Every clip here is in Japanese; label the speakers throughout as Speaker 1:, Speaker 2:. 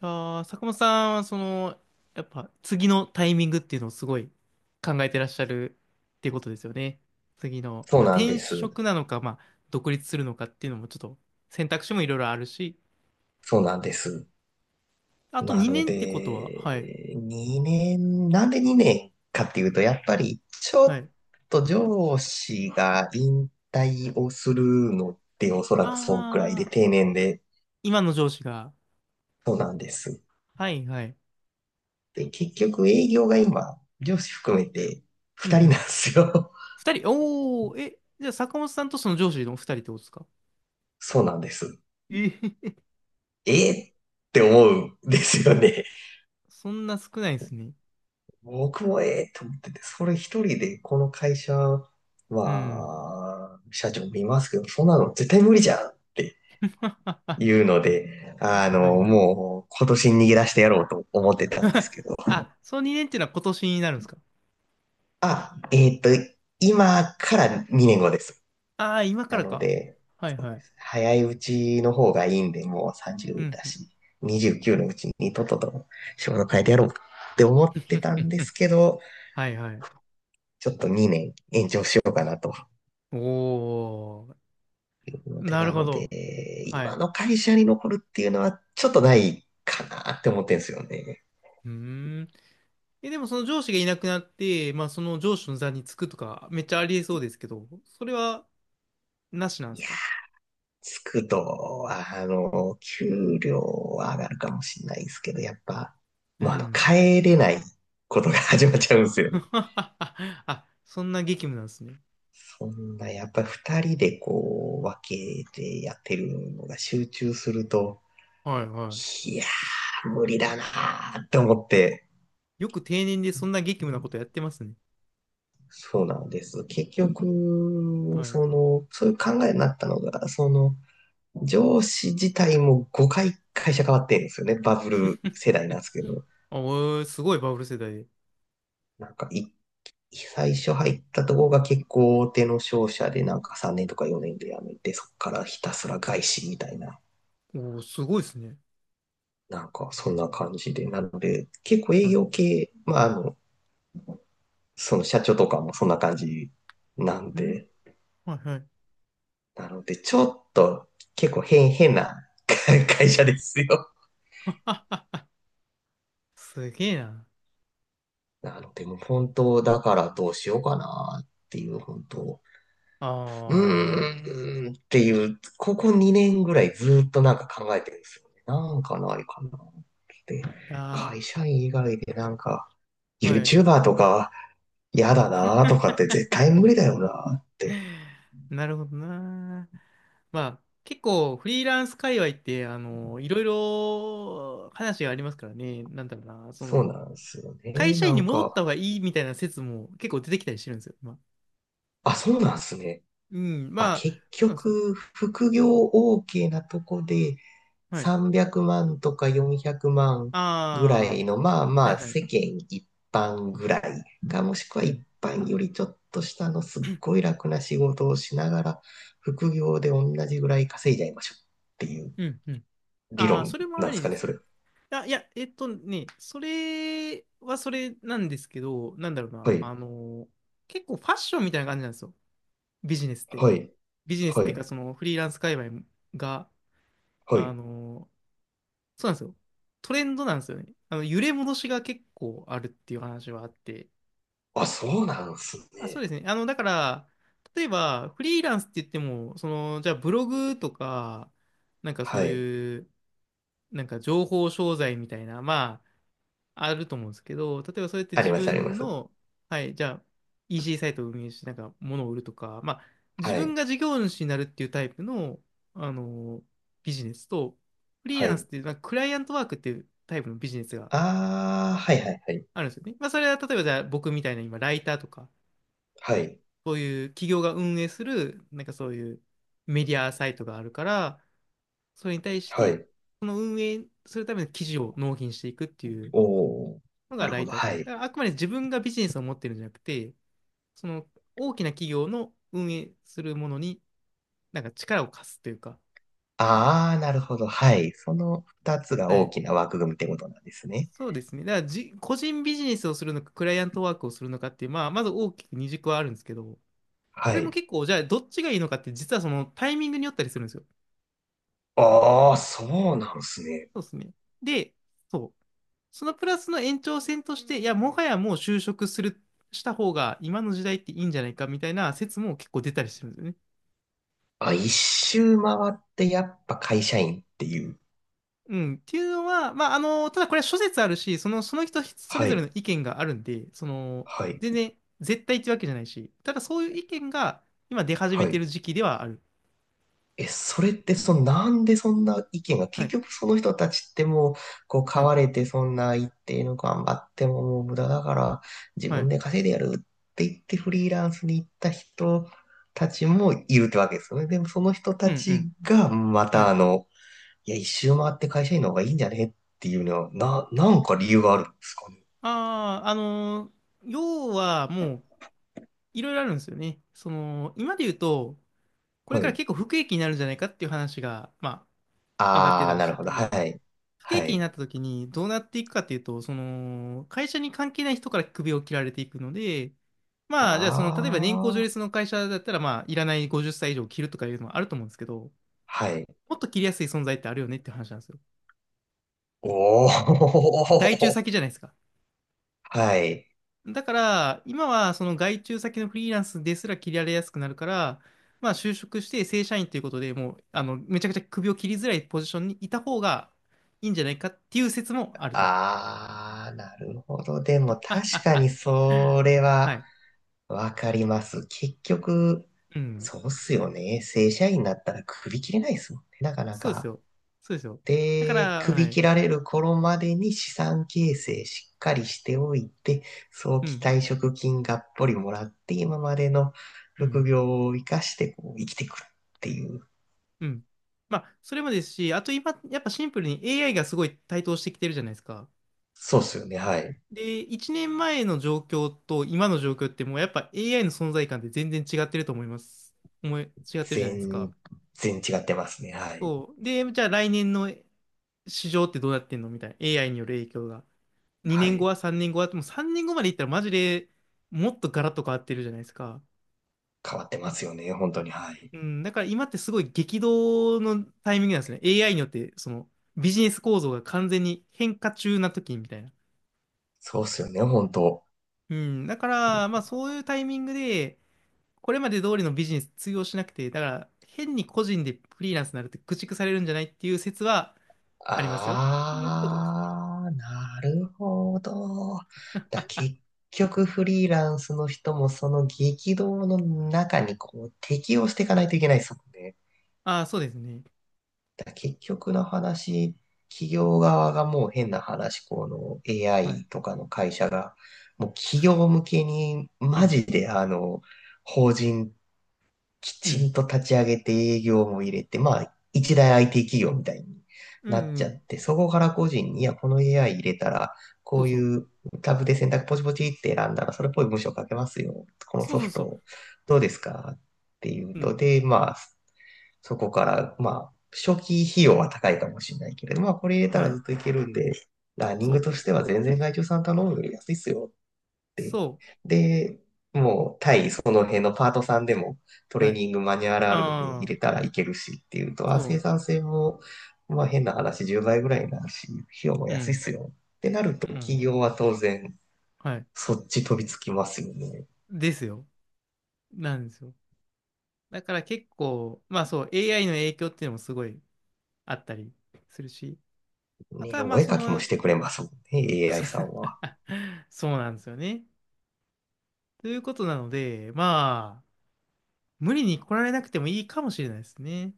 Speaker 1: ああ、坂本さんはやっぱ次のタイミングっていうのをすごい考えてらっしゃるっていうことですよね。次の、
Speaker 2: そう
Speaker 1: まあ、
Speaker 2: なん
Speaker 1: 転
Speaker 2: です。
Speaker 1: 職なのか、まあ、独立するのかっていうのもちょっと選択肢もいろいろあるし、
Speaker 2: そうなんです。
Speaker 1: あと
Speaker 2: なの
Speaker 1: 2年ってことは、はい、
Speaker 2: で、2年、なんで2年かっていうと、やっぱりちょ
Speaker 1: は
Speaker 2: っ
Speaker 1: い。
Speaker 2: と上司が引退をするのっておそらくそんくらい
Speaker 1: あ
Speaker 2: で
Speaker 1: あ、
Speaker 2: 定年で、
Speaker 1: 今の上司が、
Speaker 2: そうなんです。
Speaker 1: はい、はい。
Speaker 2: で、結局営業が今、上司含めて
Speaker 1: うん
Speaker 2: 2
Speaker 1: う
Speaker 2: 人なん
Speaker 1: ん。
Speaker 2: ですよ。
Speaker 1: 二人、おお、え、じゃあ坂本さんとその上司の二人ってことですか？
Speaker 2: そうなんです。
Speaker 1: えへへ、
Speaker 2: えーって思うんですよね。
Speaker 1: そんな少ないですね。
Speaker 2: 僕もええと思ってて、それ一人でこの会社
Speaker 1: うん。
Speaker 2: は、社長見ますけど、そんなの絶対無理じゃんって
Speaker 1: は
Speaker 2: いうので、あ
Speaker 1: い
Speaker 2: の、
Speaker 1: はい。
Speaker 2: もう今年逃げ出してやろうと思ってたんです けど。
Speaker 1: あ、その2年っていうのは今年になるんですか？
Speaker 2: あ、今から2年後です。
Speaker 1: ああー、今か
Speaker 2: な
Speaker 1: ら
Speaker 2: の
Speaker 1: か。
Speaker 2: で、
Speaker 1: はいはい。
Speaker 2: 早いうちの方がいいんで、もう
Speaker 1: う
Speaker 2: 30
Speaker 1: ん、
Speaker 2: だ
Speaker 1: うん、
Speaker 2: し、29のうちにとっとと仕事
Speaker 1: う
Speaker 2: 変え
Speaker 1: ん。
Speaker 2: てやろうって思ってたんです けど、
Speaker 1: はいはい。
Speaker 2: ちょっと2年延長しようかなと
Speaker 1: おー、
Speaker 2: いうので、
Speaker 1: なる
Speaker 2: な
Speaker 1: ほ
Speaker 2: ので、
Speaker 1: ど。は
Speaker 2: 今
Speaker 1: い。
Speaker 2: の会社に残るっていうのはちょっとないかなって思ってんですよね。
Speaker 1: うーん。え、でもその上司がいなくなって、まあその上司の座につくとか、めっちゃありえそうですけど、それはなしなんで
Speaker 2: い
Speaker 1: す
Speaker 2: や、
Speaker 1: か？
Speaker 2: つくとは、あの、給料は上がるかもしれないですけど、やっぱ、
Speaker 1: う
Speaker 2: もうあの、
Speaker 1: ん。
Speaker 2: 帰れないことが
Speaker 1: あ、
Speaker 2: 始まっちゃうんですよね。
Speaker 1: あ、そんな激務なんですね。
Speaker 2: そんな、やっぱり二人でこう、分けてやってるのが集中すると、
Speaker 1: はいは
Speaker 2: いやー、無理だなーって思って、
Speaker 1: い。よく定年でそんな激務なことやってますね。
Speaker 2: そうなんです。結局、
Speaker 1: はい。
Speaker 2: その、そういう考えになったのが、その、上司自体も5回会社変わってるんですよね。バブル世 代なんですけど。
Speaker 1: あ、おーすごいバブル世代で。
Speaker 2: なんかい、最初入ったとこが結構大手の商社で、なんか3年とか4年で辞めて、そこからひたすら外資みたいな、
Speaker 1: おー、すごいですね。
Speaker 2: なんかそんな感じで。なので、結構
Speaker 1: は
Speaker 2: 営
Speaker 1: い。
Speaker 2: 業系、まあ、あの、その社長とかもそんな感じなん
Speaker 1: ん、
Speaker 2: で、
Speaker 1: はいはい。
Speaker 2: なので、ちょっと結構変な 会社ですよ。
Speaker 1: すげえな。
Speaker 2: なので、もう本当だからどうしようかなっていう、本当、
Speaker 1: ああ。
Speaker 2: うーんっていう、ここ2年ぐらいずっとなんか考えてるんですよね。なんかないかなって。
Speaker 1: いや
Speaker 2: 会社員以外でなんか、
Speaker 1: ー、はい。
Speaker 2: YouTuber とか嫌だなとかって絶対無理だよなって。
Speaker 1: なるほどな。まあ、結構フリーランス界隈って、いろいろ話がありますからね。なんだろうな。そ
Speaker 2: そう
Speaker 1: の、
Speaker 2: なんですよね。
Speaker 1: 会社
Speaker 2: な
Speaker 1: 員に
Speaker 2: ん
Speaker 1: 戻っ
Speaker 2: か、
Speaker 1: た方がいいみたいな説も結構出てきたりしてるんですよ。まあ、
Speaker 2: あ、そうなんですね。
Speaker 1: うん。
Speaker 2: あ、
Speaker 1: まあ、
Speaker 2: 結
Speaker 1: そうなんですよ。
Speaker 2: 局、副業 OK なとこで
Speaker 1: はい。
Speaker 2: 300万とか400万ぐらい
Speaker 1: ああ。
Speaker 2: の、まあ
Speaker 1: は
Speaker 2: ま
Speaker 1: い
Speaker 2: あ
Speaker 1: はい。
Speaker 2: 世間一般ぐらいか、もしくは
Speaker 1: う
Speaker 2: 一
Speaker 1: ん。
Speaker 2: 般よりちょっと下のすっごい楽な仕事をしながら、副業で同じぐらい稼いじゃいましょうっていう
Speaker 1: うん。うん。
Speaker 2: 理
Speaker 1: ああ、
Speaker 2: 論
Speaker 1: それも
Speaker 2: な
Speaker 1: あ
Speaker 2: んです
Speaker 1: り
Speaker 2: か
Speaker 1: で
Speaker 2: ね、
Speaker 1: す。
Speaker 2: それ。
Speaker 1: あ、いや、えっとね、それはそれなんですけど、なんだろう
Speaker 2: は
Speaker 1: な、
Speaker 2: い、
Speaker 1: 結構ファッションみたいな感じなんですよ。ビジネスって。
Speaker 2: はい、
Speaker 1: ビジネスっ
Speaker 2: は
Speaker 1: ていうか、
Speaker 2: い、
Speaker 1: そのフリーランス界隈が、
Speaker 2: は
Speaker 1: あ
Speaker 2: い。
Speaker 1: の、そうなんですよ。トレンドなんですよね。あの、揺れ戻しが結構あるっていう話はあって。
Speaker 2: あ、そうなんす
Speaker 1: あ、そうで
Speaker 2: ね。
Speaker 1: すね。あの、だから、例えば、フリーランスって言っても、その、じゃあブログとか、なんかそ
Speaker 2: は
Speaker 1: う
Speaker 2: い。
Speaker 1: いう、なんか情報商材みたいな、まあ、あると思うんですけど、例えばそうやって
Speaker 2: あり
Speaker 1: 自
Speaker 2: ます、ありま
Speaker 1: 分
Speaker 2: す。
Speaker 1: の、はい、じゃあ EC サイトを運営して、なんか物を売るとか、まあ、自
Speaker 2: は
Speaker 1: 分
Speaker 2: い、
Speaker 1: が事業主になるっていうタイプの、あのビジネスと、フリー
Speaker 2: は
Speaker 1: ランスっ
Speaker 2: い。
Speaker 1: ていう、まあ、クライアントワークっていうタイプのビジネスが
Speaker 2: ああ、はい、はい、はい。
Speaker 1: あるんですよね。まあ、それは例えばじゃあ僕みたいな今、ライターとか、
Speaker 2: はい。
Speaker 1: そういう企業が運営する、なんかそういうメディアサイトがあるから、それに対し
Speaker 2: は
Speaker 1: て、
Speaker 2: い。
Speaker 1: その運営するための記事を納品していくっていう
Speaker 2: おー。
Speaker 1: の
Speaker 2: な
Speaker 1: が
Speaker 2: る
Speaker 1: ラ
Speaker 2: ほ
Speaker 1: イ
Speaker 2: ど。
Speaker 1: ターズ。
Speaker 2: は
Speaker 1: だ
Speaker 2: い。
Speaker 1: からあくまで自分がビジネスを持ってるんじゃなくて、その大きな企業の運営するものになんか力を貸すというか、
Speaker 2: ああ、なるほど。はい。その二つが
Speaker 1: は
Speaker 2: 大
Speaker 1: い。
Speaker 2: きな枠組みってことなんですね。
Speaker 1: そうですね。だからじ、個人ビジネスをするのか、クライアントワークをするのかっていう、まあ、まず大きく二軸はあるんですけど、こ
Speaker 2: は
Speaker 1: れも
Speaker 2: い。
Speaker 1: 結構、じゃあ、どっちがいいのかって、実はそのタイミングによったりするんですよ。
Speaker 2: ああ、そうなんですね。
Speaker 1: そうですね。で、そう。そのプラスの延長線として、いや、もはやもう就職する、した方が今の時代っていいんじゃないかみたいな説も結構出たりしてるんですよね。
Speaker 2: あ、一周回ってやっぱ会社員っていう。
Speaker 1: うん、っていうのは、まあ、あの、ただこれは諸説あるし、その、その人それ
Speaker 2: は
Speaker 1: ぞれの
Speaker 2: い。
Speaker 1: 意見があるんで、その、
Speaker 2: はい。
Speaker 1: 全然絶対ってわけじゃないし、ただそういう意見が今出始め
Speaker 2: は
Speaker 1: て
Speaker 2: い。
Speaker 1: る時期ではある。
Speaker 2: え、それってそのなんでそんな意見が、
Speaker 1: は
Speaker 2: 結
Speaker 1: い、
Speaker 2: 局その人たちってもう、こう、
Speaker 1: は
Speaker 2: 買
Speaker 1: い、
Speaker 2: われてそんな一定の頑張ってももう無駄だから、自
Speaker 1: は
Speaker 2: 分
Speaker 1: い。
Speaker 2: で稼いでやるって言ってフリーランスに行った人たちもいるってわけですよね。でもその人
Speaker 1: う
Speaker 2: た
Speaker 1: ん、うん、
Speaker 2: ちがま
Speaker 1: は
Speaker 2: た
Speaker 1: い。
Speaker 2: あの、いや、一周回って会社員の方がいいんじゃねっていうのは、なんか理由があるんですかね。
Speaker 1: ああ、要はもう、いろいろあるんですよね。その、今で言うと、これ
Speaker 2: は
Speaker 1: から
Speaker 2: い。
Speaker 1: 結構不景気になるんじゃないかっていう話が、まあ、上がってた
Speaker 2: あー、
Speaker 1: り
Speaker 2: な
Speaker 1: し
Speaker 2: る
Speaker 1: て
Speaker 2: ほど。は
Speaker 1: て、
Speaker 2: い。
Speaker 1: 不景
Speaker 2: は
Speaker 1: 気にな
Speaker 2: い。
Speaker 1: った時にどうなっていくかっていうと、その、会社に関係ない人から首を切られていくので、まあ、じゃあその、例えば年功序
Speaker 2: あー、
Speaker 1: 列の会社だったら、まあ、いらない50歳以上切るとかいうのもあると思うんですけど、
Speaker 2: はい。
Speaker 1: もっと切りやすい存在ってあるよねって話なんですよ。
Speaker 2: お
Speaker 1: 外注
Speaker 2: ー、
Speaker 1: 先じゃないですか。
Speaker 2: はい。
Speaker 1: だから、今はその外注先のフリーランスですら切られやすくなるから、まあ、就職して正社員ということでもう、めちゃくちゃ首を切りづらいポジションにいた方がいいんじゃないかっていう説もあると。
Speaker 2: ああ、なるほど。でも 確かにそれ
Speaker 1: は
Speaker 2: は
Speaker 1: い。
Speaker 2: わかります。結局、
Speaker 1: うん。
Speaker 2: そうっすよね。正社員になったら首切れないですもんね。なかな
Speaker 1: そうです
Speaker 2: か。
Speaker 1: よ。そうですよ。だか
Speaker 2: で、
Speaker 1: ら、は
Speaker 2: 首
Speaker 1: い。
Speaker 2: 切られる頃までに資産形成しっかりしておいて、早
Speaker 1: う
Speaker 2: 期
Speaker 1: ん、
Speaker 2: 退職金がっぽりもらって、今までの
Speaker 1: う
Speaker 2: 副
Speaker 1: ん、
Speaker 2: 業を生かしてこう生きてくるっていう。
Speaker 1: うん。まあ、それもですし、あと今、やっぱシンプルに AI がすごい台頭してきてるじゃないですか。
Speaker 2: そうっすよね。はい。
Speaker 1: で、1年前の状況と今の状況ってもうやっぱ AI の存在感って全然違ってると思います。思い、違ってるじゃないですか。
Speaker 2: 全全然違ってますね。はい。
Speaker 1: そう。で、じゃあ来年の市場ってどうなってんのみたいな。AI による影響が。2
Speaker 2: は
Speaker 1: 年後
Speaker 2: い。
Speaker 1: は3年後は、もう3年後までいったらマジでもっとガラッと変わってるじゃないですか。
Speaker 2: 変わってますよね、本当に。はい。
Speaker 1: うん、だから今ってすごい激動のタイミングなんですね。AI によって、そのビジネス構造が完全に変化中な時みたいな。
Speaker 2: そうっすよね、本当。
Speaker 1: うん、だから、まあそういうタイミングで、これまで通りのビジネス通用しなくて、だから変に個人でフリーランスになるって駆逐されるんじゃないっていう説はありますよっていうことですね。
Speaker 2: あー、なるほど。だ、結局フリーランスの人もその激動の中にこう適応していかないといけないですもんね。
Speaker 1: ああ、そうですね。
Speaker 2: だ、結局の話、企業側がもう変な話、この
Speaker 1: はい。
Speaker 2: AI とかの会社が、もう企業向けに
Speaker 1: う
Speaker 2: マ
Speaker 1: ん、
Speaker 2: ジであの、法人き
Speaker 1: う
Speaker 2: ちん
Speaker 1: ん、
Speaker 2: と立ち上げて営業も入れて、まあ、一大 IT 企業みたいに
Speaker 1: うん、
Speaker 2: なっ
Speaker 1: う
Speaker 2: ちゃっ
Speaker 1: ん。
Speaker 2: て、そこから個人に、いや、この AI 入れたら、こ
Speaker 1: そう
Speaker 2: う
Speaker 1: そう。
Speaker 2: いうタブで選択ポチポチって選んだら、それっぽい文章書けますよ。この
Speaker 1: そ
Speaker 2: ソ
Speaker 1: うそう
Speaker 2: フ
Speaker 1: そ
Speaker 2: ト、どうですかっていう
Speaker 1: う。う
Speaker 2: と、
Speaker 1: ん。
Speaker 2: で、まあ、そこから、まあ、初期費用は高いかもしれないけれど、まあ、これ入れた
Speaker 1: は
Speaker 2: らず
Speaker 1: い。
Speaker 2: っといけるんで、ラーニン
Speaker 1: そ
Speaker 2: グ
Speaker 1: う。
Speaker 2: としては全然外注さん頼むより安いっすよて。
Speaker 1: そ
Speaker 2: で、もう対その辺のパートさんでもト
Speaker 1: う。
Speaker 2: レ
Speaker 1: は
Speaker 2: ー
Speaker 1: い。
Speaker 2: ニングマニュアルあるので入
Speaker 1: ああ、
Speaker 2: れたらいけるしっていうと、あ、
Speaker 1: そ
Speaker 2: 生
Speaker 1: う。
Speaker 2: 産性も、まあ変な話10倍ぐらいになるし、費用も
Speaker 1: う
Speaker 2: 安いっ
Speaker 1: ん、
Speaker 2: すよってなると
Speaker 1: う
Speaker 2: 企
Speaker 1: ん。
Speaker 2: 業は当然
Speaker 1: はい
Speaker 2: そっち飛びつきますよね。
Speaker 1: ですよ。なんですよ。だから結構、まあそう、AI の影響っていうのもすごいあったりするし、ま
Speaker 2: ね、
Speaker 1: たま
Speaker 2: お
Speaker 1: あ
Speaker 2: 絵
Speaker 1: そ
Speaker 2: かきもし
Speaker 1: の、
Speaker 2: てくれますもんね、AI さん は。
Speaker 1: あ、そうなんですよね。ということなので、まあ、無理に来られなくてもいいかもしれないですね。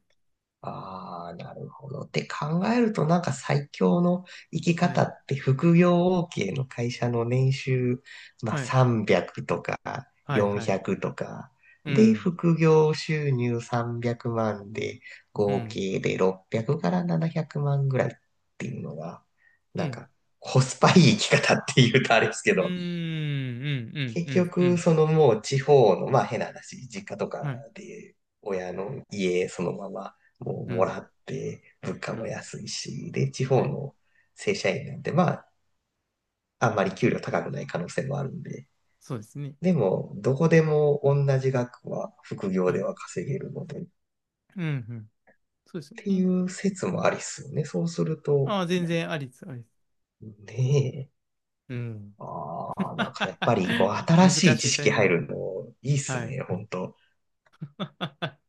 Speaker 2: ああ、なるほど。って考えると、なんか最強の生き
Speaker 1: は
Speaker 2: 方
Speaker 1: い。
Speaker 2: って副業 OK の会社の年収、まあ、
Speaker 1: はい。
Speaker 2: 300とか
Speaker 1: はい。はい。
Speaker 2: 400とか、
Speaker 1: う
Speaker 2: で、
Speaker 1: ん。
Speaker 2: 副業収入300万で、
Speaker 1: う
Speaker 2: 合
Speaker 1: ん。
Speaker 2: 計で600から700万ぐらいっていうのが、
Speaker 1: う
Speaker 2: なん
Speaker 1: ん。
Speaker 2: かコスパいい生き方っていうとあれですけ
Speaker 1: うー
Speaker 2: ど、
Speaker 1: ん。うん。
Speaker 2: 結
Speaker 1: うん。うん。う
Speaker 2: 局、
Speaker 1: ん。
Speaker 2: そのもう地方の、まあ変な話、実家とか
Speaker 1: はい。
Speaker 2: で親の家そのままも
Speaker 1: う
Speaker 2: うも
Speaker 1: ん。
Speaker 2: らって、物
Speaker 1: う
Speaker 2: 価も
Speaker 1: ん。
Speaker 2: 安いし、で、地
Speaker 1: は
Speaker 2: 方
Speaker 1: い。
Speaker 2: の正社員なんて、まあ、あんまり給料高くない可能性もあるんで、
Speaker 1: そうですね。
Speaker 2: でも、どこでも同じ額は副業
Speaker 1: は
Speaker 2: で
Speaker 1: い。
Speaker 2: は稼げるので、っ
Speaker 1: うん。うん。そうですよ
Speaker 2: てい
Speaker 1: ね。
Speaker 2: う説もありっすよね。そうすると、
Speaker 1: ああ、全然ありです。ありです。
Speaker 2: ねえ、
Speaker 1: うん。
Speaker 2: ああ、なんかやっぱりこう 新
Speaker 1: 難
Speaker 2: しい
Speaker 1: し
Speaker 2: 知
Speaker 1: いタイ
Speaker 2: 識
Speaker 1: ミン
Speaker 2: 入
Speaker 1: グ。
Speaker 2: るのいいっす
Speaker 1: はい。
Speaker 2: ね、本当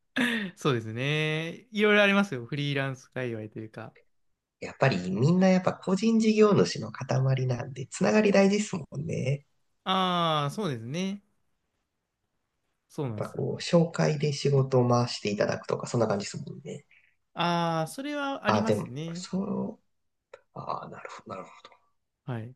Speaker 1: そうですね。いろいろありますよ。フリーランス界隈というか。
Speaker 2: やっぱりみんなやっぱ個人事業主の塊なんで、つながり大事ですもんね。
Speaker 1: ああ、そうですね。そう
Speaker 2: や
Speaker 1: な
Speaker 2: っ
Speaker 1: んで
Speaker 2: ぱ
Speaker 1: すよ。
Speaker 2: こう、紹介で仕事を回していただくとか、そんな感じですもんね。
Speaker 1: ああ、それはあり
Speaker 2: あ、
Speaker 1: ま
Speaker 2: で
Speaker 1: す
Speaker 2: も、
Speaker 1: ね。
Speaker 2: そう、あ、なるほど、なる
Speaker 1: はい。